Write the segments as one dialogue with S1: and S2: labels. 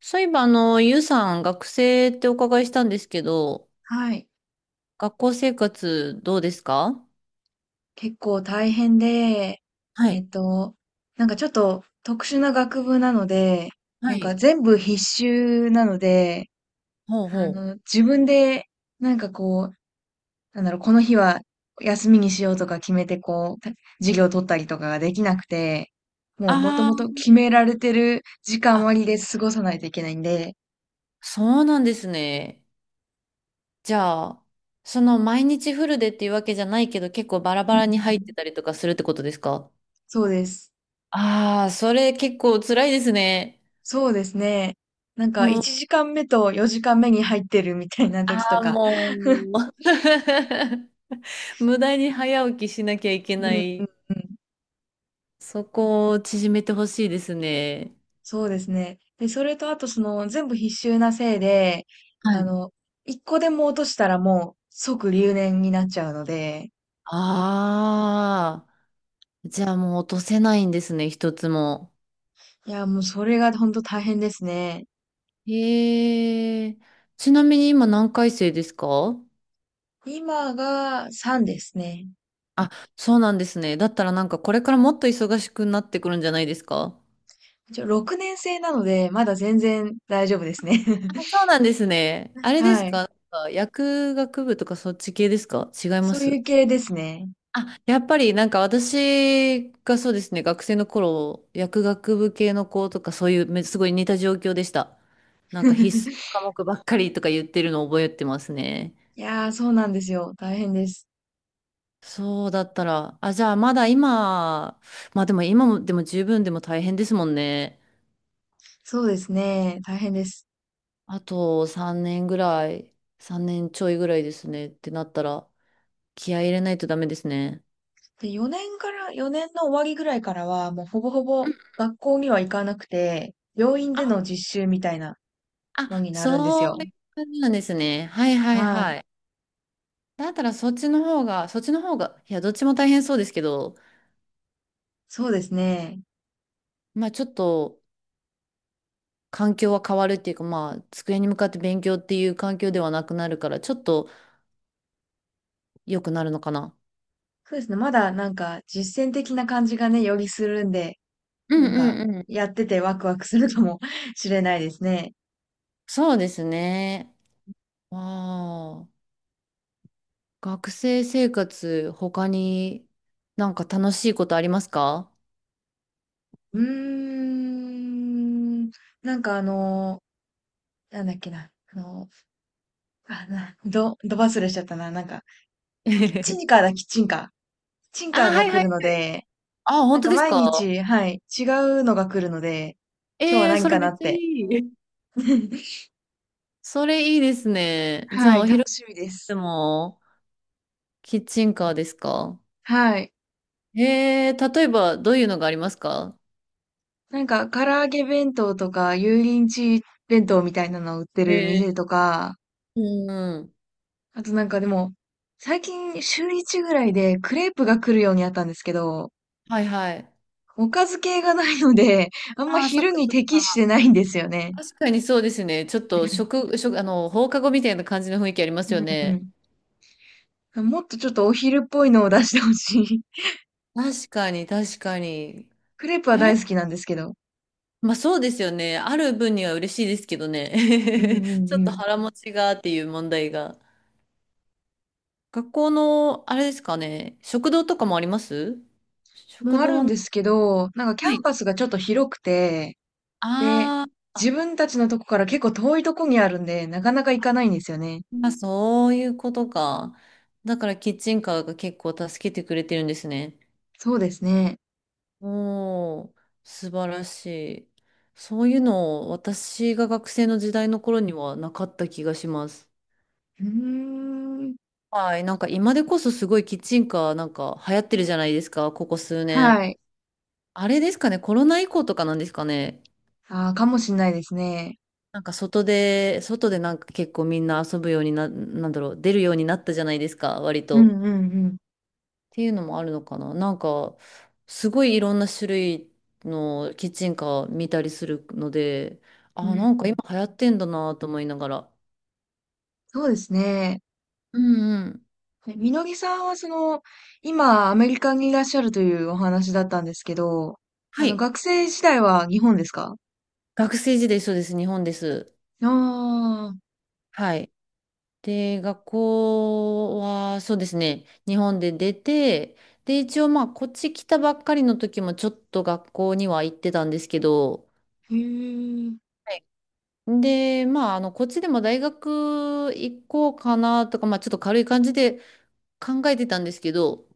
S1: そういえば、ゆうさん、学生ってお伺いしたんですけど、
S2: はい。
S1: 学校生活どうですか？
S2: 結構大変で、
S1: は
S2: え
S1: い。
S2: っと、なんかちょっと特殊な学部なので、
S1: は
S2: なんか
S1: い。
S2: 全部必修なので、
S1: ほうほう。
S2: 自分で、なんかこう、なんだろう、この日は休みにしようとか決めて、こう、授業を取ったりとかができなくて、もうもともと
S1: あ
S2: 決められてる時
S1: あ、
S2: 間
S1: あ、
S2: 割で過ごさないといけないんで、
S1: そうなんですね。じゃあ、その毎日フルでっていうわけじゃないけど、結構バラバ
S2: うん
S1: ラ
S2: う
S1: に入って
S2: ん、
S1: たりとかするってことですか？
S2: そうです。
S1: ああー、それ結構辛いですね。
S2: そうですね。なんか
S1: うん、
S2: 1時間目と4時間目に入ってるみたいな
S1: あ
S2: 時と
S1: あ、
S2: か。
S1: もう。無駄に早起きしなきゃいけ
S2: う
S1: な
S2: んうん
S1: い。
S2: うん。
S1: そこを縮めてほしいですね。
S2: そうですね。で、それとあとその全部必修なせいで、あの、一個でも落としたらもう即留年になっちゃうので、
S1: ああ、じゃあもう落とせないんですね、一つも。
S2: いや、もうそれが本当大変ですね。
S1: へえ。ちなみに今何回生ですか？
S2: 今が3ですね。
S1: あ、そうなんですね。だったらなんかこれからもっと忙しくなってくるんじゃないですか？
S2: 一応6年生なので、まだ全然大丈夫ですね。
S1: あ、そうなんですね。あれで
S2: は
S1: す
S2: い。
S1: か、なんか薬学部とかそっち系ですか？違いま
S2: そう
S1: す？
S2: いう系ですね。
S1: あ、やっぱりなんか私がそうですね、学生の頃、薬学部系の子とかそういうすごい似た状況でした。なんか必須 科目ばっかりとか言ってるのを覚えてますね。
S2: いやー、そうなんですよ。大変です。
S1: そうだったら、あ、じゃあまだ今、まあでも今もでも十分でも大変ですもんね。
S2: そうですね。大変です。
S1: あと3年ぐらい、3年ちょいぐらいですねってなったら、気合い入れないとダメですね。
S2: で、4年から、4年の終わりぐらいからは、もうほぼほぼ学校には行かなくて、病院で
S1: あ、
S2: の実習みたいな
S1: あ、
S2: のになるんです
S1: そう
S2: よ。
S1: いう感じなんですね。はいはい
S2: はい。
S1: はい。だったらそっちの方が、いや、どっちも大変そうですけど、
S2: そうですね。
S1: まあちょっと環境は変わるっていうか、まあ机に向かって勉強っていう環境ではなくなるから、ちょっと良くなるのかな。
S2: そうですね。まだなんか実践的な感じがね、よりするんで、
S1: うん
S2: なん
S1: う
S2: か
S1: んうん。
S2: やっててワクワクするかも しれないですね。
S1: そうですね。ああ、学生生活、他になんか楽しいことありますか？
S2: うーん。なんかなんだっけな。あ、ど忘れしちゃったな。なんか、キッチン カーだ、キッチンカー。キッチン
S1: あ、
S2: カー
S1: は
S2: が
S1: い
S2: 来
S1: は
S2: る
S1: い
S2: の
S1: はい。
S2: で、
S1: あ、
S2: な
S1: 本
S2: ん
S1: 当
S2: か
S1: です
S2: 毎
S1: か？
S2: 日、はい、違うのが来るので、今日は
S1: ええー、
S2: 何
S1: それ
S2: かな
S1: めっ
S2: っ
S1: ちゃい
S2: て。
S1: い。それいいですね。じゃ
S2: は
S1: あ、
S2: い、
S1: お
S2: 楽
S1: 昼
S2: しみで
S1: で
S2: す。
S1: もキッチンカーですか？
S2: はい。
S1: ええー、例えばどういうのがありますか？
S2: なんか、唐揚げ弁当とか、油淋鶏弁当みたいなのを売ってる
S1: え
S2: 店
S1: え
S2: とか、
S1: ー、うんうん。
S2: あとなんかでも、最近週1ぐらいでクレープが来るようになったんですけど、
S1: はいはい。
S2: おかず系がないので、あんま
S1: ああ、そっ
S2: 昼
S1: か
S2: に
S1: そっ
S2: 適し
S1: か。
S2: てないんですよね。
S1: 確かにそうですね。ちょっと食、食、あの、放課後みたいな感じの雰囲気あります
S2: う
S1: よ
S2: ん、う
S1: ね。
S2: ん、うん。もっとちょっとお昼っぽいのを出してほしい。
S1: 確かに、確かに。
S2: クレープは
S1: あれ、
S2: 大好きなんですけど。
S1: まあそうですよね。ある分には嬉しいですけど
S2: うん、
S1: ね。
S2: う
S1: ち
S2: ん、
S1: ょっ
S2: う
S1: と
S2: ん。
S1: 腹持ちがっていう問題が。学校の、あれですかね。食堂とかもあります？
S2: も
S1: 食
S2: あ
S1: 堂
S2: る
S1: は
S2: ん
S1: な、
S2: ですけど、なんかキャ
S1: は
S2: ン
S1: い。
S2: パスがちょっと広くて、で、
S1: あー
S2: 自分たちのとこから結構遠いとこにあるんで、なかなか行かないんですよね。
S1: あ、そういうことか。だからキッチンカーが結構助けてくれてるんですね。
S2: そうですね。
S1: おお、素晴らしい。そういうの、私が学生の時代の頃にはなかった気がします。
S2: うーん。
S1: はい、なんか今でこそすごいキッチンカーなんか流行ってるじゃないですか、ここ数年。
S2: はい。
S1: あれですかね、コロナ以降とかなんですかね。
S2: ああ、かもしんないですね。
S1: なんか外で、なんか結構みんな遊ぶようになんだろう、出るようになったじゃないですか、割
S2: うん
S1: と。
S2: うん
S1: ていうのもあるのかな。なんか、すごいいろんな種類のキッチンカー見たりするので、
S2: うん。
S1: あ、
S2: うん、
S1: なんか今流行ってんだなと思いながら。
S2: そうですね。
S1: うんうん。
S2: えみのぎさんはその、今アメリカにいらっしゃるというお話だったんですけど、
S1: はい。
S2: 学生時代は日本ですか？
S1: 学生時代そうです。日本です。
S2: ああ
S1: はい。で、学校はそうですね。日本で出て、で、一応まあ、こっち来たばっかりの時もちょっと学校には行ってたんですけど、
S2: ー、へえ。
S1: はい。で、まあ、こっちでも大学行こうかなとか、まあ、ちょっと軽い感じで考えてたんですけど、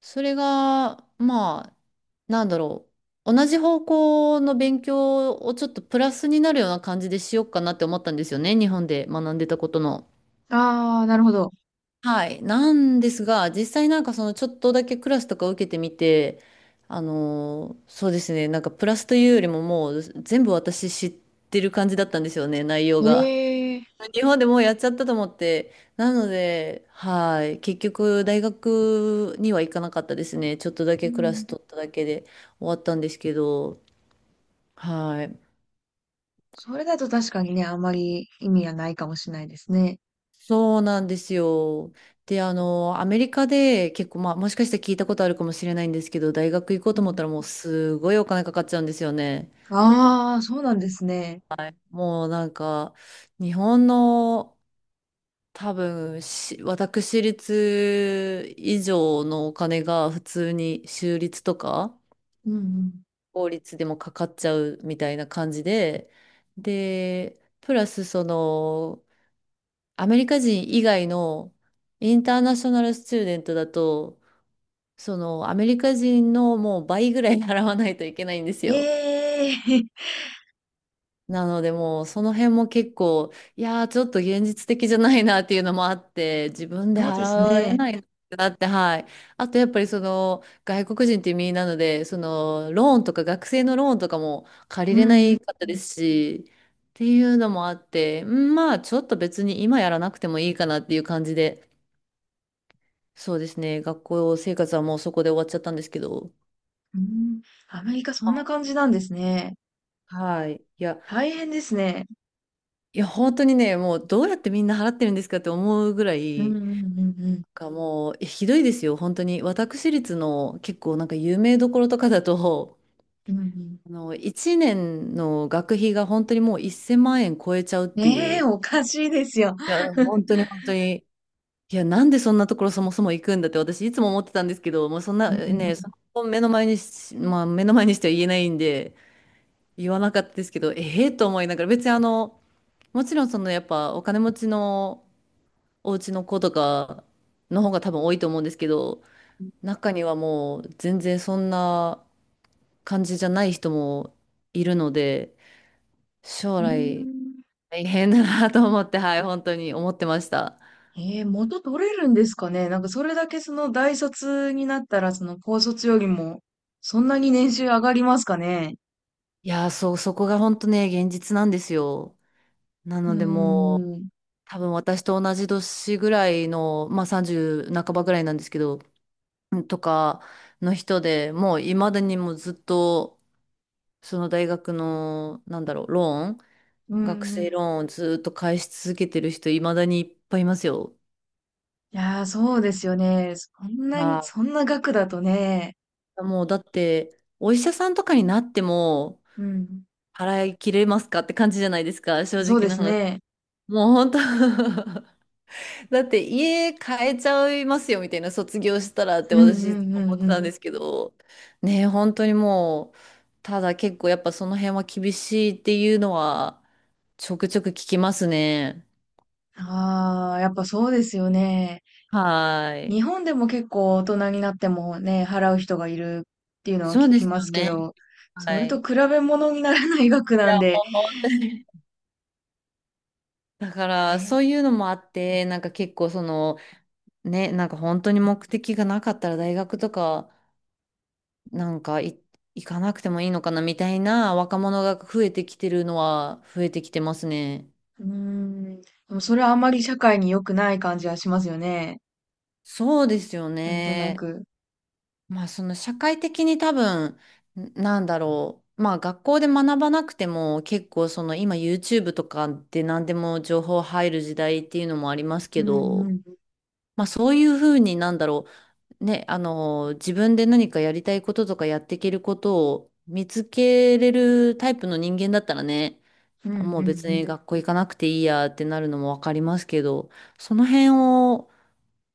S1: それが、まあ、なんだろう。同じ方向の勉強をちょっとプラスになるような感じでしようかなって思ったんですよね。日本で学んでたことの。
S2: ああ、なるほど。
S1: はい。なんですが、実際なんかそのちょっとだけクラスとか受けてみて、そうですね。なんかプラスというよりももう全部私知ってる感じだったんですよね、内容
S2: へ
S1: が。
S2: え。
S1: 日本でもうやっちゃったと思って、なので、はい、結局大学には行かなかったですね。ちょっとだ
S2: う
S1: けクラス
S2: ん、
S1: 取っただけで終わったんですけど、はい、
S2: それだと確かにね、あんまり意味がないかもしれないですね。
S1: そうなんですよ。で、アメリカで結構、まあ、もしかしたら聞いたことあるかもしれないんですけど、大学行こう
S2: う
S1: と思っ
S2: ん。
S1: たらもうすごいお金かかっちゃうんですよね。
S2: ああ、そうなんですね。
S1: もうなんか、日本の多分私立以上のお金が普通に州立とか
S2: うんうん。
S1: 法律でもかかっちゃうみたいな感じで、で、プラスその、アメリカ人以外のインターナショナルスチューデントだと、そのアメリカ人のもう倍ぐらい 払わないといけないんですよ。
S2: ええ
S1: なのでもうその辺も結構、いやーちょっと現実的じゃないなっていうのもあって、自分で
S2: そうです
S1: 払え
S2: ね。
S1: ないなって、はい。あとやっぱりその外国人っていう身なので、そのローンとか学生のローンとかも借り
S2: うん
S1: れな
S2: うん
S1: いかっ
S2: う
S1: たで
S2: ん。
S1: すし、っていうのもあって、うんまあちょっと別に今やらなくてもいいかなっていう感じで、そうですね、学校生活はもうそこで終わっちゃったんですけど、
S2: うん、アメリカそんな感じなんですね。
S1: はい。いや、
S2: 大変ですね。
S1: いや本当にね、もうどうやってみんな払ってるんですかって思うぐら
S2: うん
S1: い、
S2: うんうんうん。
S1: がもう、ひどいですよ、本当に。私立の結構なんか有名どころとかだと、
S2: うんうん。
S1: 1年の学費が本当にもう1000万円超えちゃうってい
S2: ね
S1: う。
S2: え、
S1: い
S2: おかしいですよ。
S1: や、本当に本当に。いや、なんでそんなところそもそも行くんだって私いつも思ってたんですけど、もうそんな
S2: うんう
S1: ね、
S2: ん。
S1: その目の前にし、まあ目の前にしては言えないんで、言わなかったですけど、ええと思いながら、別にもちろんそのやっぱお金持ちのお家の子とかの方が多分多いと思うんですけど、中にはもう全然そんな感じじゃない人もいるので、将
S2: えー、
S1: 来大変だなと思って、はい、本当に思ってました。
S2: 元取れるんですかね。なんかそれだけその大卒になったら、その高卒よりも、そんなに年収上がりますかね。
S1: いやー、そう、そこが本当ね、現実なんですよ。な
S2: うー
S1: のでもう、
S2: ん。
S1: 多分私と同じ年ぐらいの、まあ30半ばぐらいなんですけど、うんとかの人でもう未だにもうずっと、その大学の、なんだろう、ローン、
S2: うー
S1: 学生
S2: ん。
S1: ローンをずっと返し続けてる人、未だにいっぱいいますよ。
S2: いやー、そうですよね。そんな
S1: は
S2: に、
S1: い。
S2: そんな額だとね。
S1: もうだって、お医者さんとかになっても、
S2: うん。
S1: 払い切れますかって感じじゃないですか、正
S2: そう
S1: 直
S2: で
S1: な
S2: す
S1: 話。
S2: ね。
S1: もう本当 だって家変えちゃいますよみたいな卒業したらって
S2: うんう
S1: 私いつ
S2: ん
S1: も
S2: う
S1: 思っ
S2: ん
S1: て
S2: う
S1: たん
S2: ん。
S1: ですけど、ねえ、本当にもう、ただ結構やっぱその辺は厳しいっていうのは、ちょくちょく聞きますね。
S2: ああ、やっぱそうですよね。
S1: はい。
S2: 日本でも結構大人になってもね、払う人がいるっていうのは
S1: そ
S2: 聞
S1: うで
S2: き
S1: す
S2: ま
S1: よ
S2: すけ
S1: ね。
S2: ど、そ
S1: は
S2: れと
S1: い。
S2: 比べ物にならない額
S1: い
S2: な
S1: や、
S2: んで、
S1: もう本当に。だから、
S2: え、
S1: そういうのもあって、なんか結構その、ね、なんか本当に目的がなかったら大学とかなんか行かなくてもいいのかなみたいな若者が増えてきてるのは増えてきてますね。
S2: うーん。でもそれはあまり社会に良くない感じはしますよね。
S1: そうですよ
S2: なんとな
S1: ね。
S2: く。
S1: まあその社会的に多分なんだろう。まあ学校で学ばなくても結構その今 YouTube とかで何でも情報入る時代っていうのもあります
S2: う
S1: け
S2: んう
S1: ど、
S2: ん。
S1: まあそういうふうになんだろう。ね、自分で何かやりたいこととかやっていけることを見つけれるタイプの人間だったらね、
S2: うん
S1: あ
S2: うん
S1: もう別
S2: うん。
S1: に学校行かなくていいやってなるのもわかりますけど、その辺を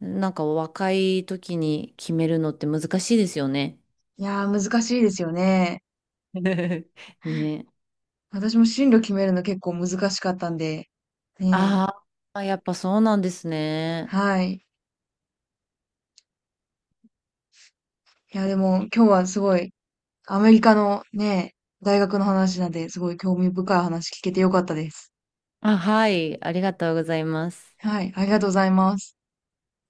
S1: なんか若い時に決めるのって難しいですよね。
S2: いやー、難しいですよね。
S1: ね。
S2: 私も進路決めるの結構難しかったんで、ね
S1: あーあ、やっぱそうなんですね。
S2: え。はい。いや、でも今日はすごい、アメリカのね、大学の話なんで、すごい興味深い話聞けてよかったです。
S1: あ、はい、ありがとうございます。
S2: はい。ありがとうございます。